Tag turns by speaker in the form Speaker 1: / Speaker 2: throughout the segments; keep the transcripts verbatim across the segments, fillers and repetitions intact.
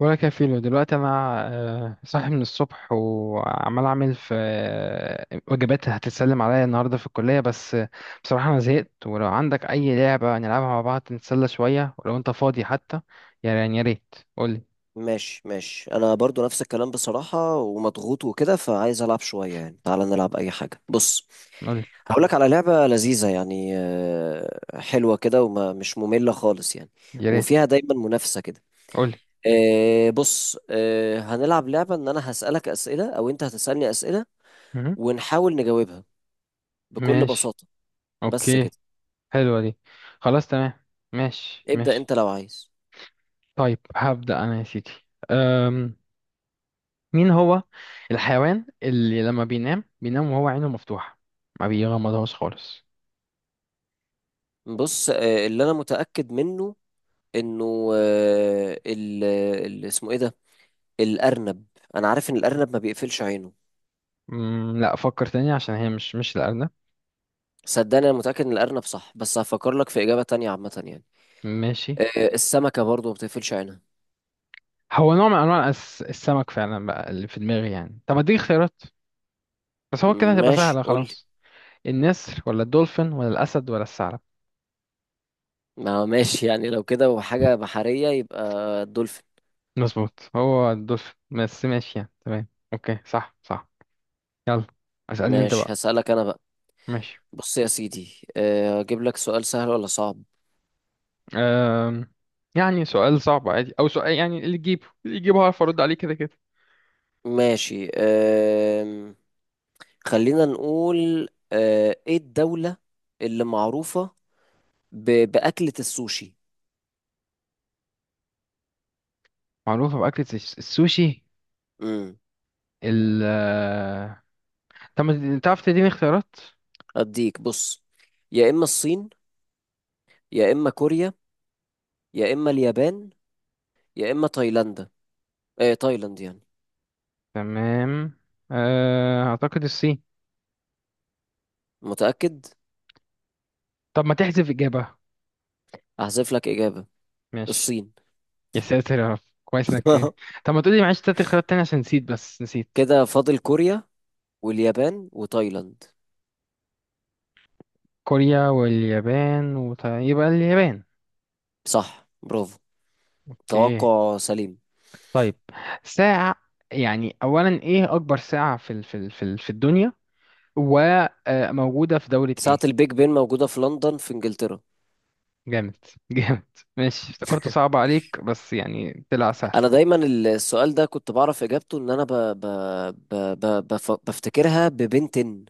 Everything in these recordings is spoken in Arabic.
Speaker 1: ولا كفيله دلوقتي انا آه، صاحي من الصبح وعمال اعمل في آه، وجبات هتتسلم عليا النهارده في الكليه، بس آه، بصراحه انا زهقت. ولو عندك اي لعبه نلعبها مع بعض نتسلى شويه، ولو انت فاضي حتى، يعني يا ريت قولي.
Speaker 2: ماشي ماشي، انا برضو نفس الكلام بصراحة، ومضغوط وكده فعايز العب شوية يعني. تعالى نلعب اي حاجة. بص،
Speaker 1: قولي
Speaker 2: هقولك على لعبة لذيذة يعني، آه، حلوة كده ومش مملة خالص يعني،
Speaker 1: يا ريت.
Speaker 2: وفيها دايما منافسة كده.
Speaker 1: قولي.
Speaker 2: آه، بص، آه، هنلعب لعبة ان انا هسألك اسئلة او انت هتسألني اسئلة
Speaker 1: مهم.
Speaker 2: ونحاول نجاوبها بكل
Speaker 1: ماشي.
Speaker 2: بساطة. بس
Speaker 1: اوكي.
Speaker 2: كده.
Speaker 1: حلوه دي. خلاص تمام. ماشي
Speaker 2: ابدأ
Speaker 1: ماشي.
Speaker 2: انت لو عايز.
Speaker 1: طيب هبدا انا يا سيدي. مين هو الحيوان اللي لما بينام بينام وهو عينه مفتوحة؟ ما بيغمضهاش خالص.
Speaker 2: بص، آه، اللي انا متأكد منه انه آه، ال ال- اسمه ايه ده، الأرنب. أنا عارف إن الأرنب ما بيقفلش عينه.
Speaker 1: مم، لا فكر تاني عشان هي مش مش الأرنب.
Speaker 2: صدقني أنا متأكد إن الأرنب صح، بس هفكر لك في إجابة تانية عامة يعني.
Speaker 1: ماشي.
Speaker 2: آه، السمكة برضو ما بتقفلش عينها.
Speaker 1: هو نوع من أنواع الأس- السمك فعلا بقى اللي في دماغي يعني. طب اديك اختيارات بس هو كده
Speaker 2: م-
Speaker 1: هتبقى
Speaker 2: ماشي
Speaker 1: سهلة
Speaker 2: قولي.
Speaker 1: خلاص. النسر ولا الدولفين ولا الأسد ولا الثعلب؟
Speaker 2: ما هو ماشي يعني لو كده وحاجة بحرية يبقى الدولفين.
Speaker 1: مظبوط هو الدولفين، بس ماشي يعني تمام. أوكي صح صح. يلا اسألني أنت
Speaker 2: ماشي
Speaker 1: بقى.
Speaker 2: هسألك أنا بقى.
Speaker 1: ماشي.
Speaker 2: بص يا سيدي، آه، أجيب لك سؤال سهل ولا صعب؟
Speaker 1: أم... يعني سؤال صعب عادي أو سؤال، يعني اللي تجيبه اللي تجيبه هعرف أرد عليه كده كده.
Speaker 2: ماشي، آم، خلينا نقول، آه، إيه الدولة اللي معروفة ب- بأكلة السوشي؟
Speaker 1: معروفة بأكلة الس- السوشي.
Speaker 2: مم.
Speaker 1: ال آه، طب ما تعرف تديني اختيارات.
Speaker 2: أديك، بص، يا إما الصين، يا إما كوريا، يا إما اليابان، يا إما تايلاندا. إيه تايلاند يعني.
Speaker 1: تمام. آه، أعتقد الصين.
Speaker 2: متأكد؟
Speaker 1: طب ما تحذف إجابة.
Speaker 2: هحذف لك إجابة،
Speaker 1: ماشي.
Speaker 2: الصين.
Speaker 1: يا ساتر يا رب. كويس إنك إيه. طب ما تقولي معلش تلات اختيارات تانية عشان نسيت، بس نسيت.
Speaker 2: كده فاضل كوريا واليابان وتايلاند.
Speaker 1: كوريا واليابان وط... يبقى اليابان.
Speaker 2: صح، برافو،
Speaker 1: أوكي.
Speaker 2: توقع سليم.
Speaker 1: طيب. ساعة. يعني أولا إيه أكبر ساعة في ال... في ال... في ال... في الدنيا، وموجودة في دولة
Speaker 2: ساعة
Speaker 1: إيه؟
Speaker 2: البيج بين موجودة في لندن في إنجلترا.
Speaker 1: جامد جامد. ماشي افتكرته صعب عليك بس يعني طلع سهل.
Speaker 2: أنا دايما السؤال ده كنت بعرف إجابته، إن أنا ب... ب... ب... ب... بف... بفتكرها ببن تن،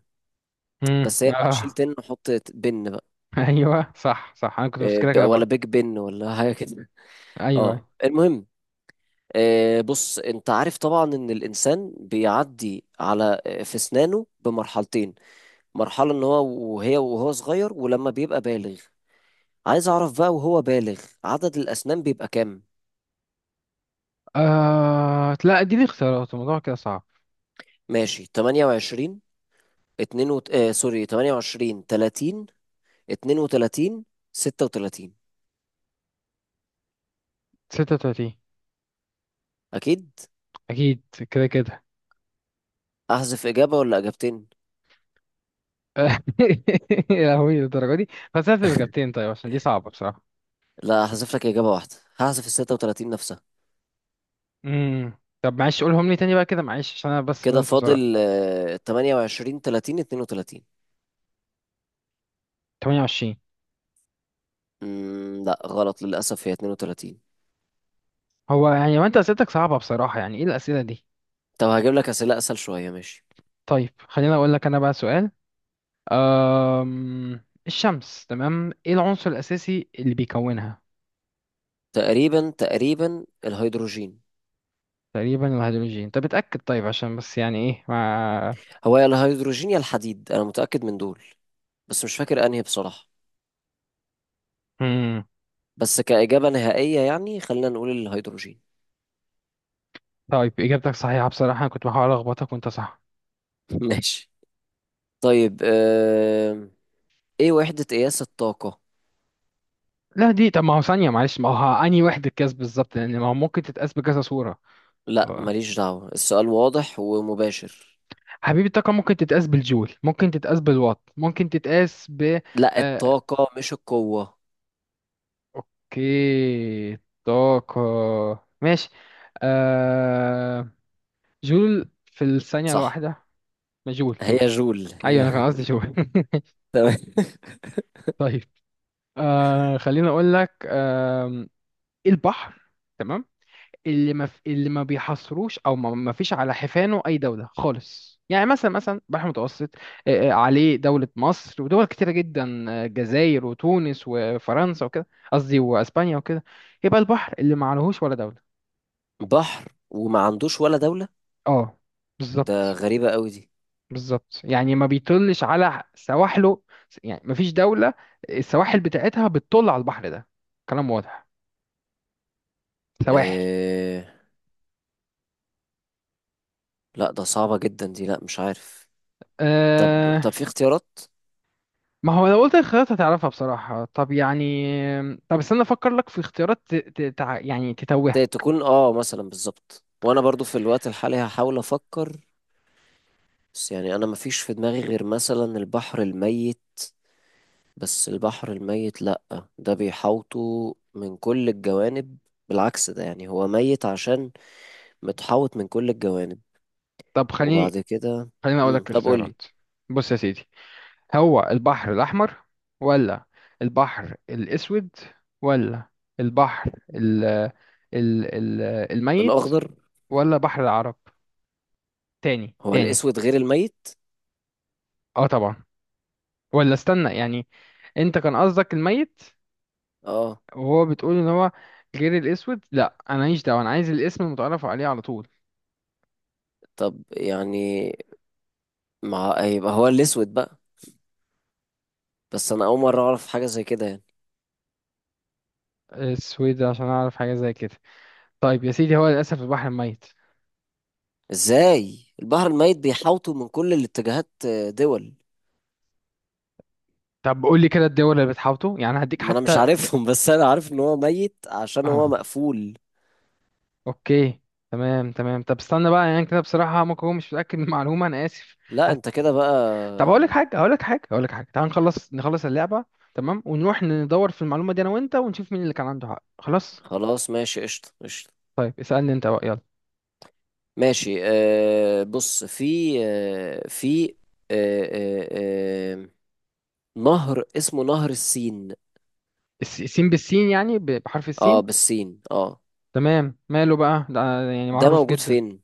Speaker 1: امم
Speaker 2: بس هي لأ، شيل
Speaker 1: اه.
Speaker 2: تن وحط بن بقى.
Speaker 1: ايوه صح صح، انا كنت
Speaker 2: إيه،
Speaker 1: بفتكرها
Speaker 2: ب...
Speaker 1: كده
Speaker 2: ولا
Speaker 1: برضه.
Speaker 2: بيج بن ولا حاجة كده.
Speaker 1: ايوه أيوة.
Speaker 2: اه المهم، آه، بص انت عارف طبعا ان الانسان بيعدي على، آه، في اسنانه بمرحلتين، مرحلة ان هو وهي وهو صغير، ولما بيبقى بالغ. عايز اعرف بقى وهو بالغ عدد الاسنان بيبقى كام؟
Speaker 1: آه لا دي اختيارات الموضوع كده صعب.
Speaker 2: ماشي، تمنية وعشرين اتنين وت... آه سوري، ثمانية وعشرين، تلاتين، اثنين وثلاثين، ستة وتلاتين.
Speaker 1: ستة وثلاثين
Speaker 2: اكيد.
Speaker 1: اكيد. كده كده.
Speaker 2: احذف اجابة ولا اجابتين؟
Speaker 1: يا لهوي للدرجه دي. بس هات اجابتين طيب عشان دي صعبه بصراحه.
Speaker 2: لا، احذف لك اجابة واحدة، هحذف ال ستة وثلاثين نفسها.
Speaker 1: امم طب معلش قولهم لي تاني بقى كده معلش، عشان انا بس
Speaker 2: كده
Speaker 1: بنسى بسرعه.
Speaker 2: فاضل آه، ثمانية وعشرين، ثلاثين، اثنين وثلاثين.
Speaker 1: تمانية وعشرين.
Speaker 2: مم، لا غلط للأسف، هي اثنين وثلاثين.
Speaker 1: هو يعني ما انت اسئلتك صعبه بصراحه، يعني ايه الاسئله دي.
Speaker 2: طب هجيب لك أسئلة أسهل شوية، ماشي.
Speaker 1: طيب خليني اقول لك انا بقى سؤال. أم... الشمس تمام، ايه العنصر الأساسي اللي بيكونها؟
Speaker 2: تقريبا تقريبا الهيدروجين.
Speaker 1: تقريبا الهيدروجين. طب اتأكد طيب، عشان بس يعني ايه ما.
Speaker 2: هو يا الهيدروجين يا الحديد، أنا متأكد من دول، بس مش فاكر أنهي بصراحة.
Speaker 1: مم.
Speaker 2: بس كإجابة نهائية يعني خلينا نقول الهيدروجين.
Speaker 1: طيب إجابتك صحيحة، بصراحة أنا كنت بحاول ألخبطك وأنت صح.
Speaker 2: ماشي. طيب آم، إيه وحدة قياس الطاقة؟
Speaker 1: لا دي، طب ما هو ثانية معلش، ما هو أنهي وحدة قياس بالظبط، لأن ما هو ممكن تتقاس بكذا صورة.
Speaker 2: لا
Speaker 1: آه.
Speaker 2: ماليش دعوة، السؤال واضح ومباشر.
Speaker 1: حبيبي الطاقة ممكن تتقاس بالجول، ممكن تتقاس بالوات، ممكن تتقاس ب
Speaker 2: لا،
Speaker 1: آه...
Speaker 2: الطاقة مش القوة.
Speaker 1: أوكي. طاقة. ماشي. آه... جول في الثانية
Speaker 2: صح،
Speaker 1: الواحدة. جول جول
Speaker 2: هي جول،
Speaker 1: ايوه
Speaker 2: هي
Speaker 1: انا كان قصدي جول.
Speaker 2: تمام.
Speaker 1: طيب آه خليني اقول لك آه. البحر، تمام، اللي ما في، اللي ما بيحصروش، او ما ما فيش على حفانه اي دوله خالص، يعني مثلا مثلا البحر المتوسط آه آه، عليه دوله مصر ودول كتيره جدا، آه، الجزائر وتونس وفرنسا وكده، قصدي واسبانيا وكده. يبقى البحر اللي ما عليهوش ولا دوله.
Speaker 2: بحر وما عندوش ولا دولة؟
Speaker 1: اه
Speaker 2: ده
Speaker 1: بالظبط.
Speaker 2: غريبة قوي دي.
Speaker 1: بالظبط، يعني ما بيطلش على سواحله، يعني ما فيش دولة السواحل بتاعتها بتطل على البحر ده. كلام واضح. سواحل.
Speaker 2: إيه... لا ده صعبة جدا دي، لا مش عارف. طب
Speaker 1: أه.
Speaker 2: طب في اختيارات؟
Speaker 1: ما هو لو قلت الخيارات هتعرفها بصراحة، طب يعني. طب استنى افكر لك في اختيارات ت... ت... تع- يعني
Speaker 2: ت-
Speaker 1: تتوهها.
Speaker 2: تكون اه مثلا بالظبط، وانا برضو في الوقت الحالي هحاول افكر. بس يعني انا مفيش في دماغي غير مثلا البحر الميت، بس البحر الميت لا، ده بيحوطه من كل الجوانب، بالعكس ده يعني هو ميت عشان متحوط من كل الجوانب.
Speaker 1: طب خليني
Speaker 2: وبعد كده
Speaker 1: خليني اقول
Speaker 2: مم.
Speaker 1: لك
Speaker 2: طب قولي.
Speaker 1: الاختيارات. بص يا سيدي، هو البحر الاحمر، ولا البحر الاسود، ولا البحر ال... ال... ال... الميت،
Speaker 2: الاخضر.
Speaker 1: ولا بحر العرب؟ تاني
Speaker 2: هو
Speaker 1: تاني.
Speaker 2: الاسود غير الميت؟
Speaker 1: اه طبعا. ولا استنى يعني، انت كان قصدك الميت
Speaker 2: اه.
Speaker 1: وهو بتقول ان هو غير الاسود؟ لا انا ماليش دعوه، انا عايز الاسم المتعرف عليه على طول.
Speaker 2: طب يعني مع يبقى هو الاسود بقى، بس انا اول مره اعرف حاجه زي كده يعني.
Speaker 1: اسود عشان اعرف حاجه زي كده. طيب يا سيدي هو للاسف البحر الميت.
Speaker 2: ازاي البحر الميت بيحاوطوا من كل الاتجاهات آه، دول؟
Speaker 1: طب قول لي كده الدول اللي بتحاوطه، يعني هديك
Speaker 2: ما انا مش
Speaker 1: حتى ت-
Speaker 2: عارفهم بس انا عارف ان هو ميت عشان
Speaker 1: اه.
Speaker 2: هو مقفول.
Speaker 1: اوكي. تمام تمام. طب استنى بقى، يعني كده بصراحه ممكن هو مش متاكد من المعلومه، انا اسف.
Speaker 2: لا
Speaker 1: هت...
Speaker 2: انت كده بقى.
Speaker 1: طب هقول لك حاجه هقول لك حاجه هقول لك حاجه، تعال نخلص نخلص اللعبه تمام، ونروح ندور في المعلومه دي انا وانت، ونشوف مين اللي كان عنده حق. خلاص.
Speaker 2: خلاص ماشي، قشطه قشطه.
Speaker 1: طيب اسألني انت بقى يلا.
Speaker 2: ماشي آه بص، في آه في، آه آه آه نهر اسمه نهر السين.
Speaker 1: الس- السين بالسين، يعني ب- بحرف
Speaker 2: اه
Speaker 1: السين.
Speaker 2: بالسين اه.
Speaker 1: تمام، ماله بقى ده، يعني
Speaker 2: ده
Speaker 1: معروف
Speaker 2: موجود
Speaker 1: جدا.
Speaker 2: فين؟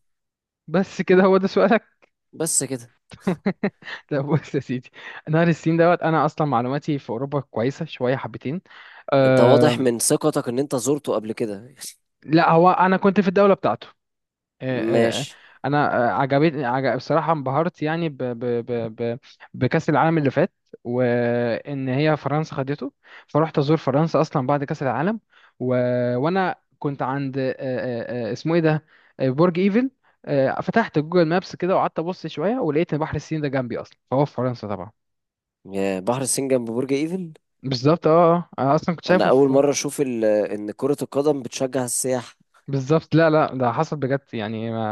Speaker 1: بس كده هو ده سؤالك؟
Speaker 2: بس كده.
Speaker 1: لا بص يا سيدي، نهر السين دوت، انا اصلا معلوماتي في اوروبا كويسة شوية حبتين.
Speaker 2: انت واضح
Speaker 1: أه.
Speaker 2: من ثقتك ان انت زرته قبل كده
Speaker 1: لا هو انا كنت في الدولة بتاعته. آه، آه، آه.
Speaker 2: ماشي.
Speaker 1: انا آه، عجبتني عجب، بصراحه انبهرت يعني ب ب ب ب بكاس العالم اللي فات، وان هي فرنسا خدته، فروحت ازور فرنسا اصلا بعد كاس العالم. و... وانا كنت عند آه، آه، آه، اسمه ايه ده، آه، برج ايفل. آه، فتحت جوجل مابس كده، وقعدت ابص شويه، ولقيت ان بحر السين ده جنبي اصلا، فهو في فرنسا طبعا.
Speaker 2: يا بحر الصين جنب برج ايفل.
Speaker 1: بالظبط اه آه. انا اصلا كنت
Speaker 2: انا
Speaker 1: شايفه
Speaker 2: اول
Speaker 1: في.
Speaker 2: مره اشوف ال- ان كره القدم بتشجع السياح.
Speaker 1: بالظبط. لا لا، ده حصل بجد يعني ما...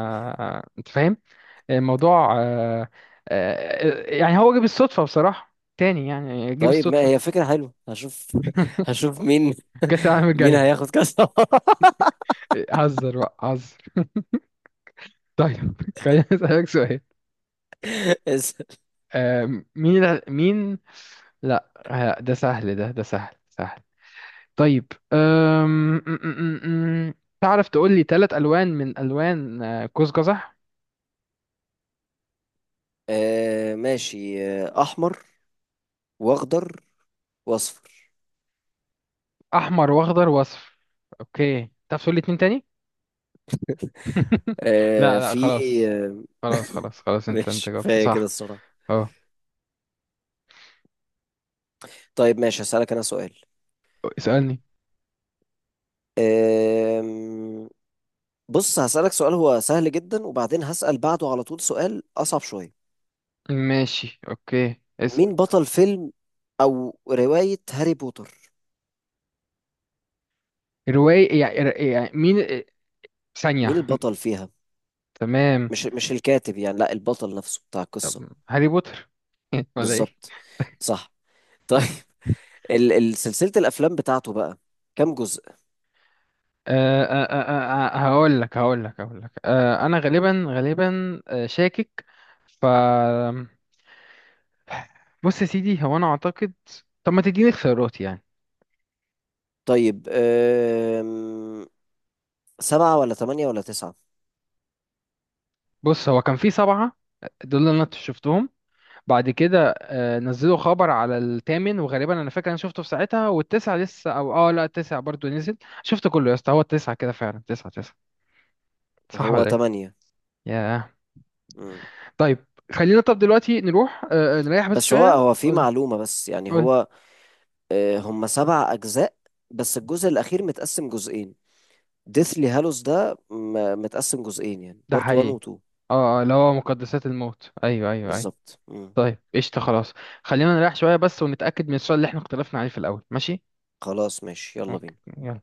Speaker 1: آه، انت فاهم الموضوع آه، آه، يعني هو جه بالصدفة بصراحة، تاني يعني جه
Speaker 2: طيب ما
Speaker 1: بالصدفة.
Speaker 2: هي فكره حلوه، هشوف هشوف مين
Speaker 1: كأس العالم
Speaker 2: مين
Speaker 1: الجاي.
Speaker 2: هياخد كاس.
Speaker 1: هزر بقى هزر. طيب. خليني أسألك سؤال.
Speaker 2: اس-
Speaker 1: آه، مين ال- مين. لا آه، ده سهل، ده ده سهل سهل. طيب أم... م- م- م- م. تعرف تقول لي ثلاث ألوان من ألوان آه، قوس قزح.
Speaker 2: آه ماشي، آه، احمر، واخضر، واصفر.
Speaker 1: أحمر وأخضر وأصفر. أوكي تعرف تقول لي اتنين تاني؟
Speaker 2: آه
Speaker 1: لا لا
Speaker 2: في
Speaker 1: خلاص.
Speaker 2: آه،
Speaker 1: خلاص خلاص خلاص انت انت
Speaker 2: ماشي
Speaker 1: جاوبت
Speaker 2: كفايه كده
Speaker 1: صح.
Speaker 2: الصراحه.
Speaker 1: اه.
Speaker 2: طيب ماشي هسالك انا سؤال،
Speaker 1: اسألني.
Speaker 2: آم، بص هسالك سؤال هو سهل جدا، وبعدين هسال بعده على طول سؤال اصعب شويه.
Speaker 1: ماشي اوكي اسأل.
Speaker 2: مين بطل فيلم او رواية هاري بوتر؟
Speaker 1: رواية، يعني يعني مين آه،
Speaker 2: مين
Speaker 1: ثانية.
Speaker 2: البطل فيها؟
Speaker 1: تمام.
Speaker 2: مش مش الكاتب يعني، لا البطل نفسه بتاع القصة.
Speaker 1: طب هاري بوتر. ولا ايه.
Speaker 2: بالظبط، صح. طيب ال ال- سلسلة الافلام بتاعته بقى كام جزء؟
Speaker 1: أه أه أه آه، آه، هقول لك هقول لك هقول لك. أه انا غالبا غالبا آه، شاكك ف بص يا سيدي هو انا اعتقد. طب ما تديني اختيارات يعني.
Speaker 2: طيب أم... سبعة ولا تمانية ولا تسعة؟
Speaker 1: بص هو كان في سبعة دول اللي انا شفتهم، بعد كده آه، نزلوا خبر على الثامن، وغالبا انا فاكر انا شفته في ساعتها، والتسعة لسه، او اه لا التسعة برضو نزل. شفت كله يا اسطى، هو التسعة كده فعلا، تسعة تسعة؟ صح
Speaker 2: هو
Speaker 1: ولا ايه.
Speaker 2: تمانية.
Speaker 1: ياه.
Speaker 2: مم.
Speaker 1: طيب. خلينا طب دلوقتي نروح آه، آه، نريح بس
Speaker 2: بس هو
Speaker 1: شوية.
Speaker 2: هو في
Speaker 1: قولي.
Speaker 2: معلومة بس يعني
Speaker 1: قولي.
Speaker 2: هو، آه، هم سبع أجزاء بس الجزء الأخير متقسم جزئين. ديثلي هالوس ده م- متقسم جزئين يعني
Speaker 1: ده
Speaker 2: بارت واحد و
Speaker 1: حقيقي.
Speaker 2: اتنين.
Speaker 1: اه اه، اللي هو مقدسات الموت، ايوه ايوه ايوه.
Speaker 2: بالظبط مم.
Speaker 1: طيب قشطة خلاص. خلينا نريح شوية بس، ونتأكد من السؤال اللي احنا اختلفنا عليه في الأول، ماشي.
Speaker 2: خلاص ماشي يلا
Speaker 1: اوكي
Speaker 2: بينا.
Speaker 1: يلا.